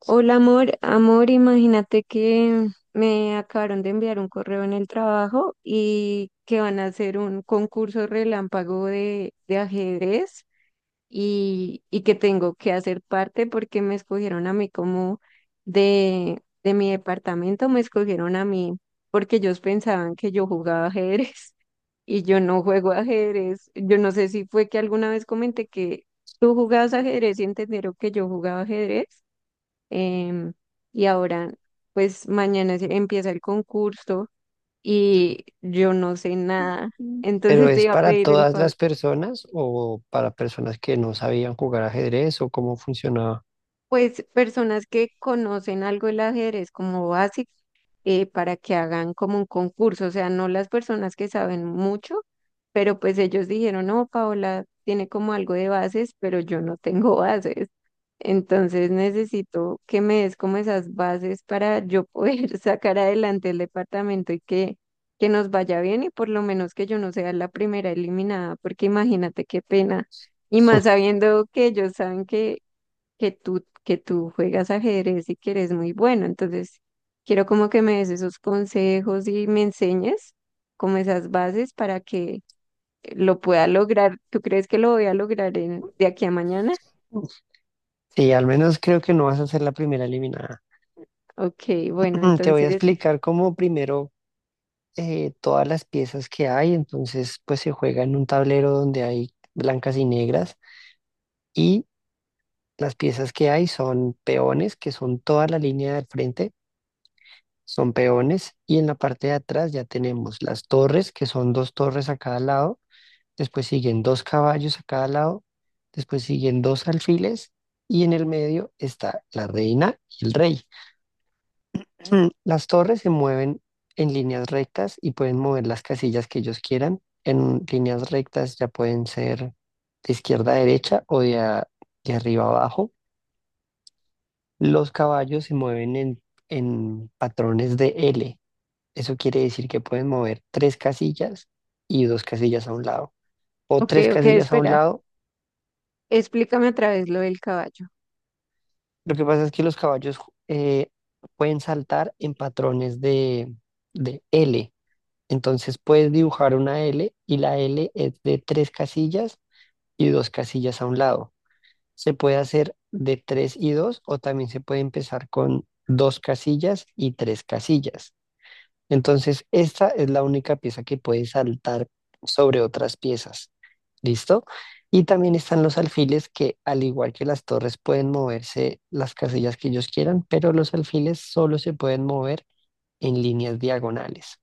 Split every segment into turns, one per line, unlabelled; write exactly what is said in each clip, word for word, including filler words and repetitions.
Hola amor, amor, imagínate que me acabaron de enviar un correo en el trabajo y que van a hacer un concurso relámpago de, de ajedrez y, y que tengo que hacer parte porque me escogieron a mí como de, de mi departamento, me escogieron a mí porque ellos pensaban que yo jugaba ajedrez y yo no juego ajedrez. Yo no sé si fue que alguna vez comenté que tú jugabas ajedrez y entendieron que yo jugaba ajedrez em, y ahora, pues mañana se- empieza el concurso y yo no sé nada.
Mm. ¿Pero
Entonces te
es
iba a
para
pedir el
todas
favor.
las personas o para personas que no sabían jugar ajedrez o cómo funcionaba?
Pues personas que conocen algo el ajedrez como básico, eh, para que hagan como un concurso, o sea, no las personas que saben mucho, pero pues ellos dijeron, no, Paola tiene como algo de bases, pero yo no tengo bases, entonces necesito que me des como esas bases para yo poder sacar adelante el departamento y que, que nos vaya bien y por lo menos que yo no sea la primera eliminada, porque imagínate qué pena. Y más sabiendo que ellos saben que que tú, que tú juegas ajedrez y que eres muy bueno. Entonces, quiero como que me des esos consejos y me enseñes como esas bases para que lo pueda lograr. ¿Tú crees que lo voy a lograr en, de aquí a mañana?
Sí, al menos creo que no vas a ser la primera eliminada.
Ok, bueno,
Te voy
entonces,
a explicar cómo primero eh, todas las piezas que hay. Entonces pues se juega en un tablero donde hay blancas y negras y las piezas que hay son peones, que son toda la línea del frente, son peones, y en la parte de atrás ya tenemos las torres, que son dos torres a cada lado. Después siguen dos caballos a cada lado, después siguen dos alfiles, y en el medio está la reina y el rey. Mm, las torres se mueven en líneas rectas y pueden mover las casillas que ellos quieran. En líneas rectas ya pueden ser de izquierda a derecha o de, a- de arriba a abajo. Los caballos se mueven en, en patrones de L. Eso quiere decir que pueden mover tres casillas y dos casillas a un lado, o
ok,
tres
ok,
casillas a un
espera.
lado.
Explícame otra vez lo del caballo.
Lo que pasa es que los caballos eh, pueden saltar en patrones de, de L. Entonces puedes dibujar una L, y la L es de tres casillas y dos casillas a un lado. Se puede hacer de tres y dos, o también se puede empezar con dos casillas y tres casillas. Entonces, esta es la única pieza que puede saltar sobre otras piezas. ¿Listo? Y también están los alfiles que, al igual que las torres, pueden moverse las casillas que ellos quieran, pero los alfiles solo se pueden mover en líneas diagonales.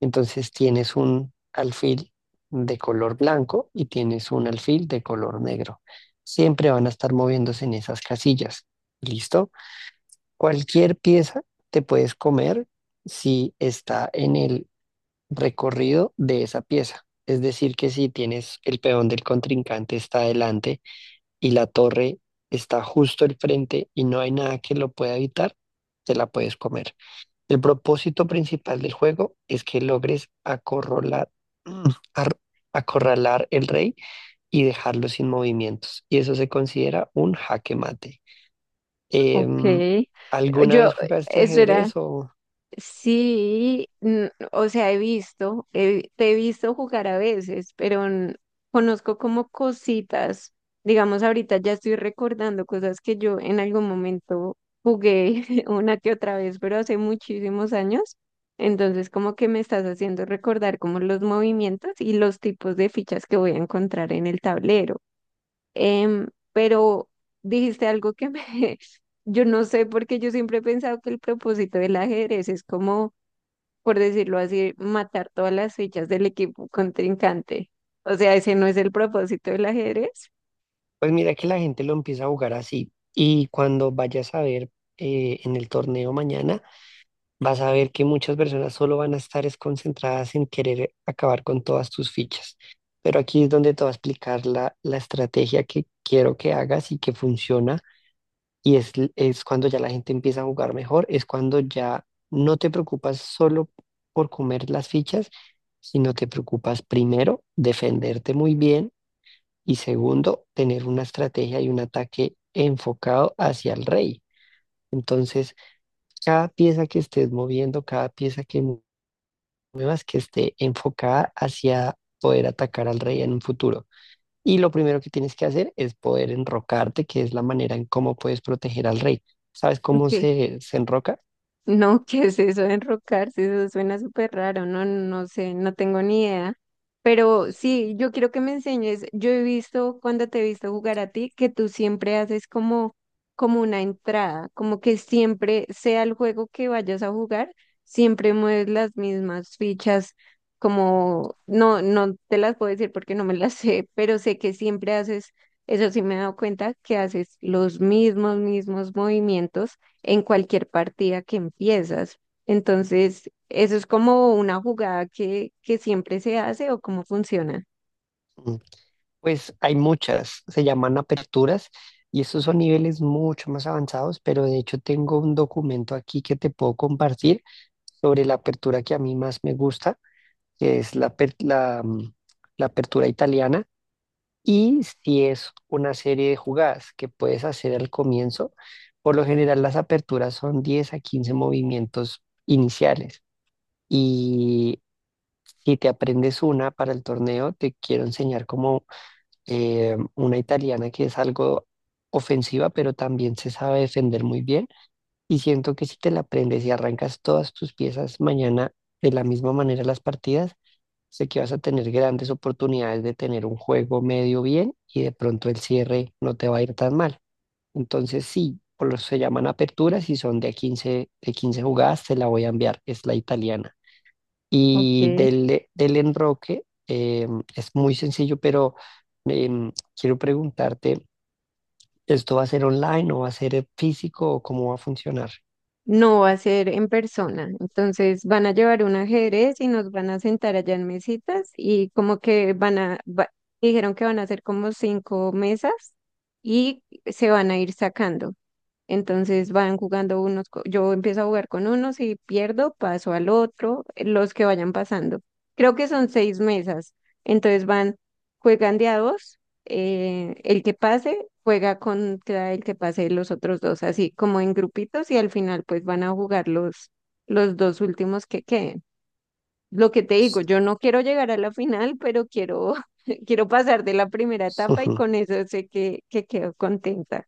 Entonces tienes un alfil de color blanco y tienes un alfil de color negro. Siempre van a estar moviéndose en esas casillas. ¿Listo? Cualquier pieza te puedes comer si está en el recorrido de esa pieza. Es decir, que si tienes el peón del contrincante está adelante y la torre está justo al frente y no hay nada que lo pueda evitar, te la puedes comer. El propósito principal del juego es que logres acorralar, ar- acorralar el rey y dejarlo sin movimientos. Y eso se considera un jaque mate.
Ok,
Em, ¿alguna
yo,
vez jugaste
eso.
ajedrez o...?
Sí, mm, o sea, he visto, he- te he visto jugar a veces, pero n- conozco como cositas. Digamos, ahorita ya estoy recordando cosas que yo en algún momento jugué una que otra vez, pero hace muchísimos años. Entonces, como que me estás haciendo recordar como los movimientos y los tipos de fichas que voy a encontrar en el tablero. Em, pero dijiste algo que me... Yo no sé, porque yo siempre he pensado que el propósito del ajedrez es como, por decirlo así, matar todas las fichas del equipo contrincante. O sea, ese no es el propósito del ajedrez,
Pues mira que la gente lo empieza a jugar así, y cuando vayas a ver, eh, en el torneo mañana, vas a ver que muchas personas solo van a estar es concentradas en querer acabar con todas tus fichas. Pero aquí es donde te voy a explicar la, la estrategia que quiero que hagas y que funciona. Y es, l- es cuando ya la gente empieza a jugar mejor, es cuando ya no te preocupas solo por comer las fichas, sino te preocupas primero defenderte muy bien, y segundo, tener una estrategia y un ataque enfocado hacia el rey. Entonces, cada pieza que estés moviendo, cada pieza que mu- muevas, que esté enfocada hacia poder atacar al rey en un futuro. Y lo primero que tienes que hacer es poder enrocarte, que es la manera en cómo puedes proteger al rey. ¿Sabes cómo
que
se, se enroca?
no. ¿Qué es eso de enrocarse? Eso suena súper raro, no, no sé, no tengo ni idea. Pero sí, yo quiero que me enseñes. Yo he visto cuando te he visto jugar a ti que tú siempre haces como, como una entrada, como que siempre sea el juego que vayas a jugar, siempre mueves las mismas fichas, como no, no te las puedo decir porque no me las sé, pero sé que siempre haces, eso sí me he dado cuenta, que haces los mismos, mismos movimientos en cualquier partida que empiezas. Entonces, eso es como una jugada que, que siempre se hace o cómo funciona.
Mm, pues hay muchas, se llaman aperturas, y estos son niveles mucho más avanzados, pero de hecho tengo un documento aquí que te puedo compartir sobre la apertura que a mí más me gusta, que es la, aper- la, mm, la apertura italiana, y si es una serie de jugadas que puedes hacer al comienzo. Por lo general las aperturas son diez a quince movimientos iniciales, y si te aprendes una para el torneo, te quiero enseñar cómo, eh, una italiana que es algo ofensiva, pero también se sabe defender muy bien. Y siento que si te la aprendes y arrancas todas tus piezas mañana de la misma manera las partidas, sé que vas a tener grandes oportunidades de tener un juego medio bien y de pronto el cierre no te va a ir tan mal. Entonces sí, por lo se llaman aperturas y son de a quince de quince jugadas, te la voy a enviar, es la italiana. Y
Ok.
del, del enroque, eh, es muy sencillo, pero em, quiero preguntarte, ¿esto va a ser online o va a ser, eh, físico, o cómo va a funcionar?
No va a ser en persona. Entonces, van a llevar un ajedrez y nos van a sentar allá en mesitas y como que van a, va- dijeron que van a hacer como cinco mesas y se van a ir sacando. Entonces van jugando unos, co- yo empiezo a jugar con unos y pierdo, paso al otro, eh, los que vayan pasando. Creo que son seis mesas. Entonces van, juegan de a dos, eh, el que pase juega contra el que pase los otros dos, así como en grupitos y al final pues van a jugar los, los dos últimos que queden. Lo que te digo, yo no quiero llegar a la final, pero quiero, quiero pasar de la primera etapa y
Ujú.
con eso sé que, que quedo contenta.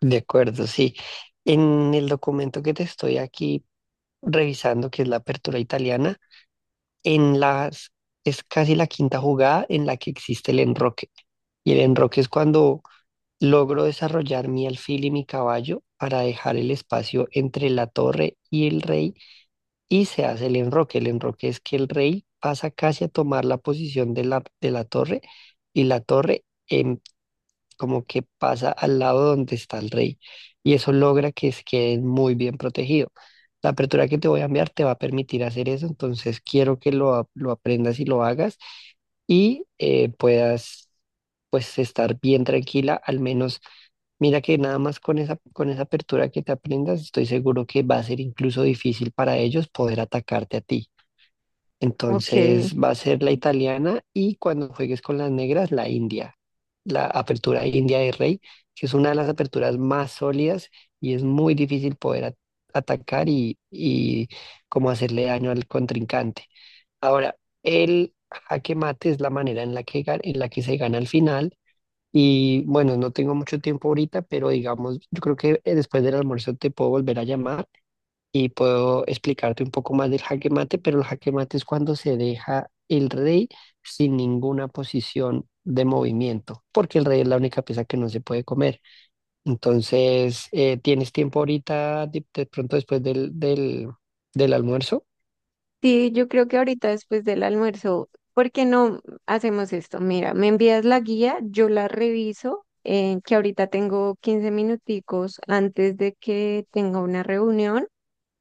De acuerdo, sí. En el documento que te estoy aquí revisando, que es la apertura italiana, en las, es casi la quinta jugada en la que existe el enroque. Y el enroque es cuando logro desarrollar mi alfil y mi caballo para dejar el espacio entre la torre y el rey, y se hace el enroque. El enroque es que el rey pasa casi a tomar la posición de la, de la torre, y la torre em, como que pasa al lado donde está el rey, y eso logra que se queden muy bien protegidos. La apertura que te voy a enviar te va a permitir hacer eso, entonces quiero que lo, a- lo aprendas y lo hagas, y eh, puedas pues estar bien tranquila, al menos mira que nada más con esa, con esa apertura que te aprendas, estoy seguro que va a ser incluso difícil para ellos poder atacarte a ti.
Ok.
Entonces va a ser la italiana, y cuando juegues con las negras, la india. La apertura india de rey, que es una de las aperturas más sólidas, y es muy difícil poder at- atacar y, y como hacerle daño al contrincante. Ahora, el jaque mate es la manera en la que, ga- en la que se gana al final. Y bueno, no tengo mucho tiempo ahorita, pero digamos, yo creo que, eh, después del almuerzo te puedo volver a llamar y puedo explicarte un poco más del jaque mate, pero el jaque mate es cuando se deja el rey sin ninguna posición de movimiento, porque el rey es la única pieza que no se puede comer. Entonces, eh, ¿tienes tiempo ahorita, de, de pronto después del, del, del almuerzo?
Sí, yo creo que ahorita después del almuerzo, ¿por qué no hacemos esto? Mira, me envías la guía, yo la reviso, eh, que ahorita tengo quince minuticos antes de que tenga una reunión.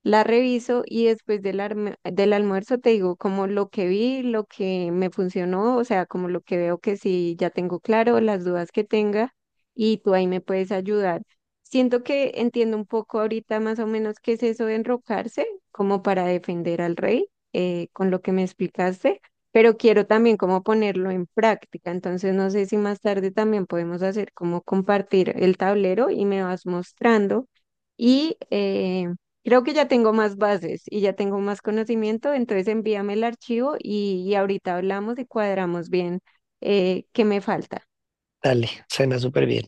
La reviso y después del, arme- del almuerzo te digo como lo que vi, lo que me funcionó, o sea, como lo que veo que sí ya tengo claro, las dudas que tenga y tú ahí me puedes ayudar. Siento que entiendo un poco ahorita más o menos qué es eso de enrocarse, como para defender al rey, eh, con lo que me explicaste, pero quiero también como ponerlo en práctica, entonces no sé si más tarde también podemos hacer como compartir el tablero y me vas mostrando y... eh, creo que ya tengo más bases y ya tengo más conocimiento, entonces envíame el archivo y, y ahorita hablamos y cuadramos bien, eh, qué me falta.
Dale, suena súper bien.